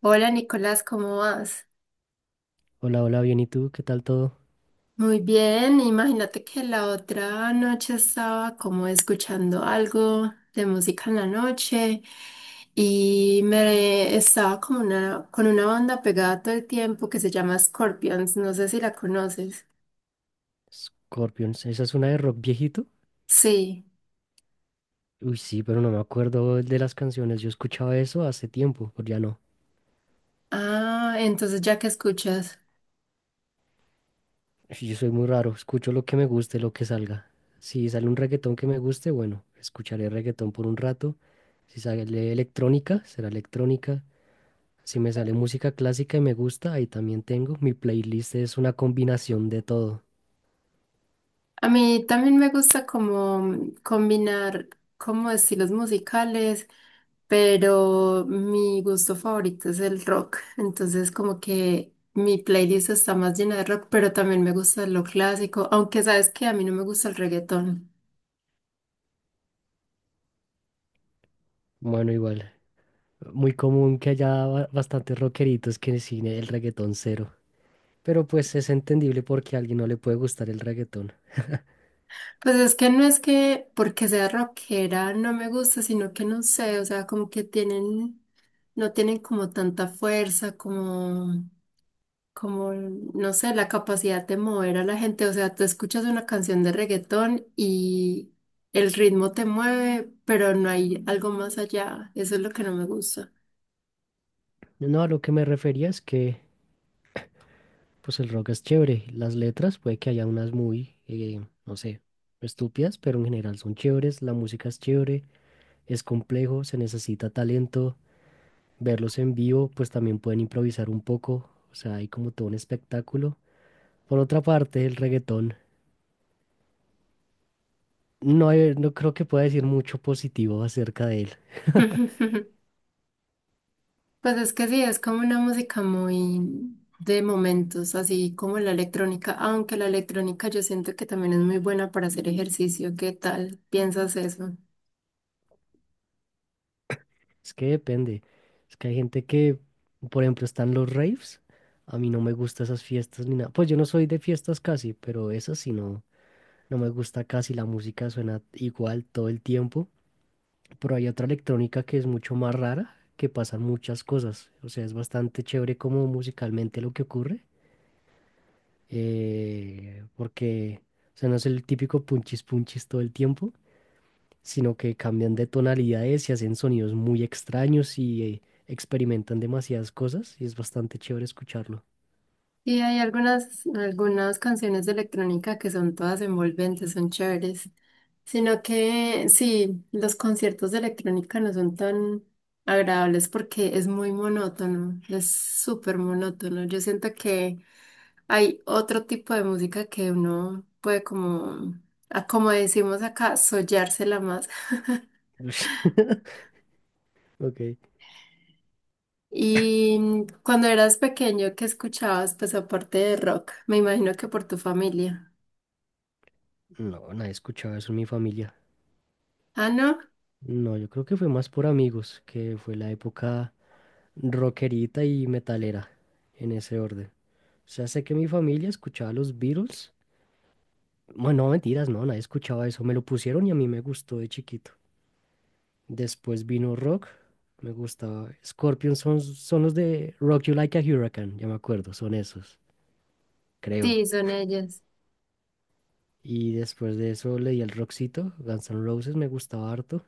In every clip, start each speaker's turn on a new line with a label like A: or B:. A: Hola Nicolás, ¿cómo vas?
B: Hola, hola, bien, ¿y tú? ¿Qué tal todo?
A: Muy bien, imagínate que la otra noche estaba como escuchando algo de música en la noche y me estaba con una banda pegada todo el tiempo que se llama Scorpions, no sé si la conoces.
B: Scorpions, ¿esa es una de rock viejito?
A: Sí,
B: Uy, sí, pero no me acuerdo de las canciones. Yo escuchaba eso hace tiempo, pero ya no.
A: ah, entonces ya que escuchas.
B: Sí, yo soy muy raro, escucho lo que me guste, lo que salga. Si sale un reggaetón que me guste, bueno, escucharé reggaetón por un rato. Si sale electrónica, será electrónica. Si me sale música clásica y me gusta, ahí también tengo. Mi playlist es una combinación de todo.
A: A mí también me gusta como combinar como estilos musicales, pero mi gusto favorito es el rock. Entonces como que mi playlist está más llena de rock, pero también me gusta lo clásico, aunque sabes que a mí no me gusta el reggaetón.
B: Bueno, igual, muy común que haya bastantes rockeritos que sin el reggaetón cero. Pero pues es entendible porque a alguien no le puede gustar el reggaetón.
A: Pues es que no es que porque sea rockera no me gusta, sino que no sé, o sea, como que tienen, no tienen como tanta fuerza, como no sé, la capacidad de mover a la gente. O sea, tú escuchas una canción de reggaetón y el ritmo te mueve, pero no hay algo más allá. Eso es lo que no me gusta.
B: No, a lo que me refería es que pues el rock es chévere. Las letras puede que haya unas muy, no sé, estúpidas, pero en general son chéveres. La música es chévere, es complejo, se necesita talento. Verlos en vivo, pues también pueden improvisar un poco. O sea, hay como todo un espectáculo. Por otra parte, el reggaetón, no, no creo que pueda decir mucho positivo acerca de él.
A: Pues es que sí, es como una música muy de momentos, así como la electrónica, aunque la electrónica yo siento que también es muy buena para hacer ejercicio. ¿Qué tal? ¿Piensas eso?
B: Es que depende. Es que hay gente que, por ejemplo, están los raves. A mí no me gustan esas fiestas ni nada. Pues yo no soy de fiestas casi, pero esas sí no, no me gusta casi. La música suena igual todo el tiempo. Pero hay otra electrónica que es mucho más rara, que pasan muchas cosas. O sea, es bastante chévere como musicalmente lo que ocurre. Porque, o sea, no es el típico punchis punchis todo el tiempo, sino que cambian de tonalidades y hacen sonidos muy extraños y experimentan demasiadas cosas y es bastante chévere escucharlo.
A: Y hay algunas canciones de electrónica que son todas envolventes, son chéveres. Sino que sí, los conciertos de electrónica no son tan agradables porque es muy monótono, es súper monótono. Yo siento que hay otro tipo de música que uno puede como, como decimos acá, sollársela más.
B: Ush. Ok.
A: Y cuando eras pequeño, ¿qué escuchabas? Pues aparte de rock, me imagino que por tu familia.
B: No, nadie escuchaba eso en mi familia.
A: Ah, ¿no?
B: No, yo creo que fue más por amigos, que fue la época rockerita y metalera, en ese orden. O sea, sé que mi familia escuchaba los Beatles. Bueno, no, mentiras, no, nadie escuchaba eso. Me lo pusieron y a mí me gustó de chiquito. Después vino rock. Me gustaba. Scorpions son los de Rock You Like a Hurricane, ya me acuerdo, son esos, creo.
A: Sí, son ellas.
B: Y después de eso leí el rockcito, Guns N' Roses me gustaba harto.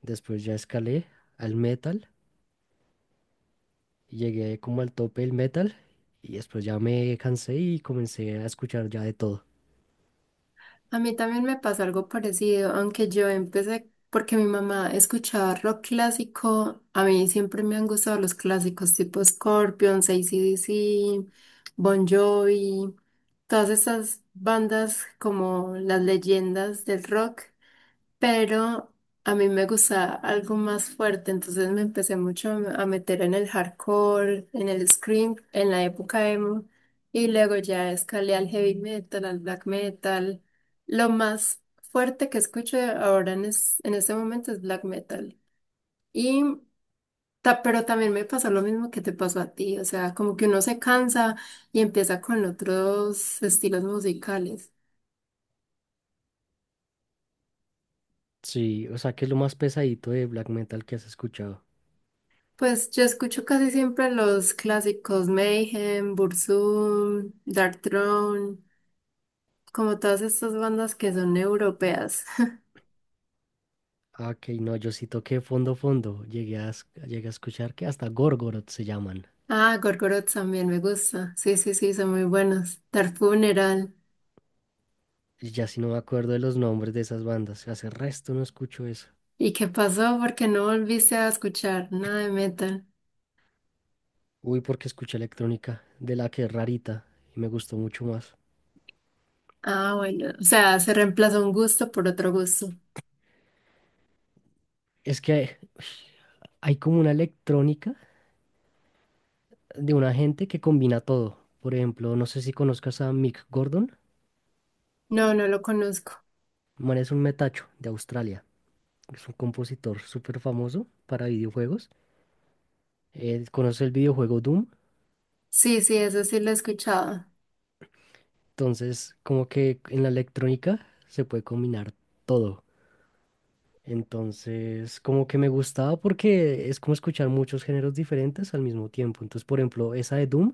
B: Después ya escalé al metal, y llegué como al tope del metal y después ya me cansé y comencé a escuchar ya de todo.
A: A mí también me pasó algo parecido, aunque yo empecé porque mi mamá escuchaba rock clásico. A mí siempre me han gustado los clásicos tipo Scorpions, AC/DC, Bon Jovi, todas esas bandas como las leyendas del rock, pero a mí me gusta algo más fuerte, entonces me empecé mucho a meter en el hardcore, en el scream, en la época emo, y luego ya escalé al heavy metal, al black metal. Lo más fuerte que escucho ahora en este momento es black metal. Y, pero también me pasó lo mismo que te pasó a ti, o sea, como que uno se cansa y empieza con otros estilos musicales.
B: Sí, o sea, que es lo más pesadito de black metal que has escuchado.
A: Pues yo escucho casi siempre los clásicos Mayhem, Burzum, Dark Throne, como todas estas bandas que son europeas.
B: Ah, ok, no, yo sí toqué fondo fondo. Llegué a, llegué a escuchar que hasta Gorgoroth se llaman.
A: Ah, Gorgoroth también me gusta. Sí, sí, sí, son muy buenos. Dark Funeral.
B: Y ya si no me acuerdo de los nombres de esas bandas, hace resto no escucho eso.
A: ¿Y qué pasó? ¿Porque no volviste a escuchar nada de metal?
B: Uy, porque escuché electrónica, de la que es rarita, y me gustó mucho más.
A: Ah, bueno. O sea, se reemplazó un gusto por otro gusto.
B: Es que hay hay como una electrónica de una gente que combina todo. Por ejemplo, no sé si conozcas a Mick Gordon,
A: No, no lo conozco.
B: el man es un metacho de Australia, es un compositor súper famoso para videojuegos. Él conoce el videojuego Doom,
A: Sí, sí, eso sí lo he escuchado.
B: entonces como que en la electrónica se puede combinar todo. Entonces, como que me gustaba porque es como escuchar muchos géneros diferentes al mismo tiempo. Entonces, por ejemplo, esa de Doom,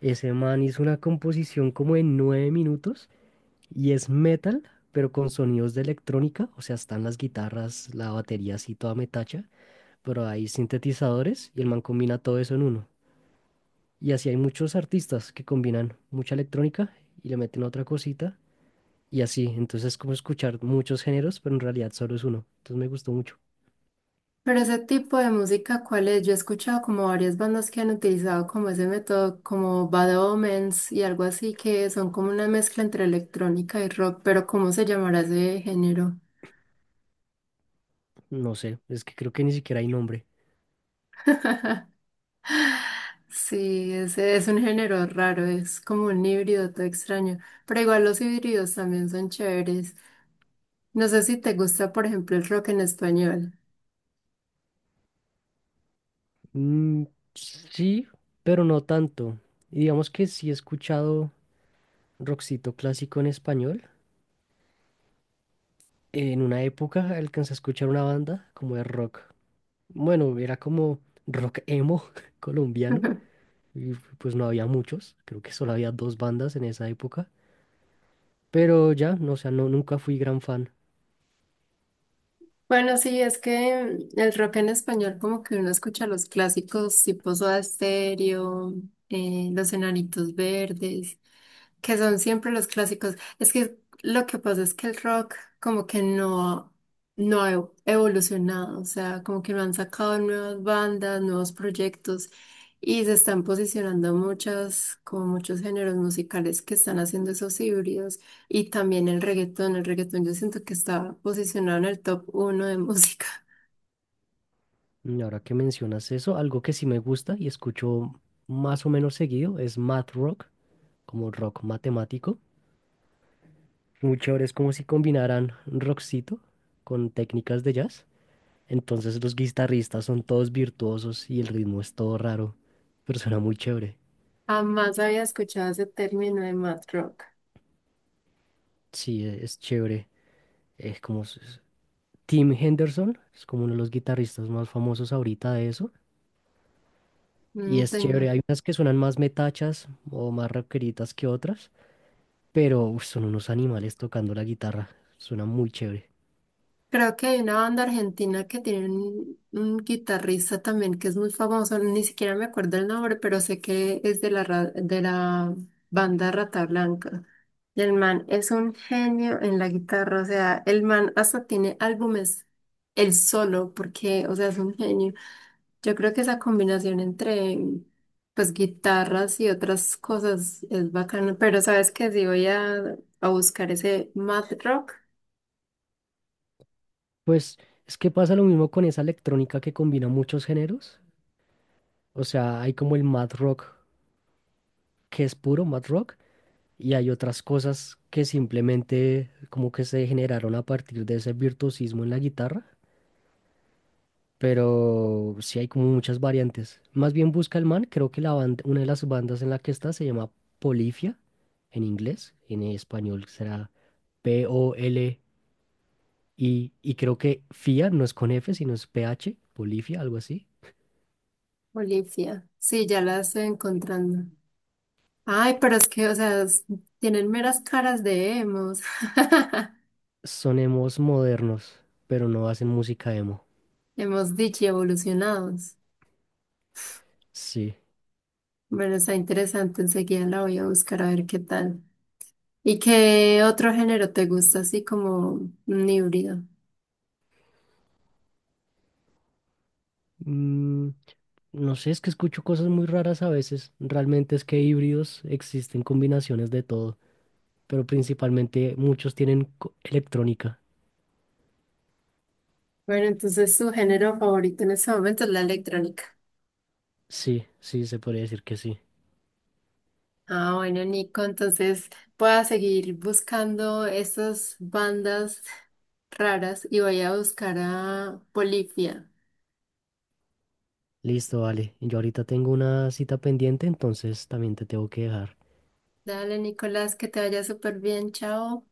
B: ese man hizo una composición como en 9 minutos y es metal, pero con sonidos de electrónica. O sea, están las guitarras, la batería así toda metacha, pero hay sintetizadores y el man combina todo eso en uno. Y así hay muchos artistas que combinan mucha electrónica y le meten otra cosita y así. Entonces, es como escuchar muchos géneros, pero en realidad solo es uno. Entonces, me gustó mucho.
A: Pero ese tipo de música, ¿cuál es? Yo he escuchado como varias bandas que han utilizado como ese método, como Bad Omens y algo así, que son como una mezcla entre electrónica y rock, pero ¿cómo se llamará ese género?
B: No sé, es que creo que ni siquiera hay nombre.
A: Sí, ese es un género raro, es como un híbrido todo extraño, pero igual los híbridos también son chéveres. No sé si te gusta, por ejemplo, el rock en español.
B: Mm, sí, pero no tanto. Y digamos que sí he escuchado rockcito clásico en español. En una época alcancé a escuchar una banda como de rock. Bueno, era como rock emo colombiano. Y pues no había muchos. Creo que solo había dos bandas en esa época. Pero ya, no, o sea, no, nunca fui gran fan.
A: Bueno, sí, es que mm, el rock en español, como que uno escucha los clásicos tipo Soda Stereo, Los Enanitos Verdes que son siempre los clásicos. Es que lo que pasa es que el rock como que no, evolucionado, o sea, como que no han sacado nuevas bandas, nuevos proyectos y se están posicionando muchas, como muchos géneros musicales que están haciendo esos híbridos y también el reggaetón. El reggaetón yo siento que está posicionado en el top uno de música.
B: Y ahora que mencionas eso, algo que sí me gusta y escucho más o menos seguido es math rock, como rock matemático. Muy chévere, es como si combinaran rockcito con técnicas de jazz. Entonces los guitarristas son todos virtuosos y el ritmo es todo raro, pero suena muy chévere.
A: Jamás había escuchado ese término de mad rock.
B: Sí, es chévere. Es como Tim Henderson, es como uno de los guitarristas más famosos ahorita de eso. Y
A: Mm,
B: es
A: tengo.
B: chévere, hay unas que suenan más metachas o más rockeritas que otras, pero uf, son unos animales tocando la guitarra, suena muy chévere.
A: Creo que hay una banda argentina que tiene un guitarrista también que es muy famoso, ni siquiera me acuerdo el nombre, pero sé que es de la banda Rata Blanca. Y el man es un genio en la guitarra, o sea, el man hasta tiene álbumes él solo, porque, o sea, es un genio. Yo creo que esa combinación entre, pues, guitarras y otras cosas es bacana, pero sabes que si voy a buscar ese Mad Rock.
B: Pues es que pasa lo mismo con esa electrónica que combina muchos géneros. O sea, hay como el mad rock que es puro mad rock y hay otras cosas que simplemente como que se generaron a partir de ese virtuosismo en la guitarra, pero sí hay como muchas variantes. Más bien busca el man, creo que la banda, una de las bandas en la que está se llama Polifia en inglés, en español será P-O-L-I y creo que FIA no es con F, sino es P H Polifia, algo así.
A: Olivia. Sí, ya la estoy encontrando. Ay, pero es que, o sea, tienen meras caras de emos.
B: Son emos modernos, pero no hacen música emo.
A: Hemos dicho evolucionados.
B: Sí.
A: Bueno, está interesante. Enseguida la voy a buscar a ver qué tal. ¿Y qué otro género te gusta, así como un híbrido?
B: Mm, no sé, es que escucho cosas muy raras a veces. Realmente es que híbridos existen combinaciones de todo, pero principalmente muchos tienen electrónica.
A: Bueno, entonces su género favorito en este momento es la electrónica.
B: Sí, sí, se podría decir que sí.
A: Ah, bueno, Nico, entonces voy a seguir buscando esas bandas raras y voy a buscar a Polifia.
B: Listo, vale. Yo ahorita tengo una cita pendiente, entonces también te tengo que dejar.
A: Dale, Nicolás, que te vaya súper bien. Chao.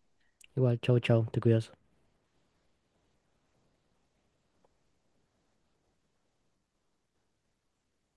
B: Igual, chao, chao, te cuidas.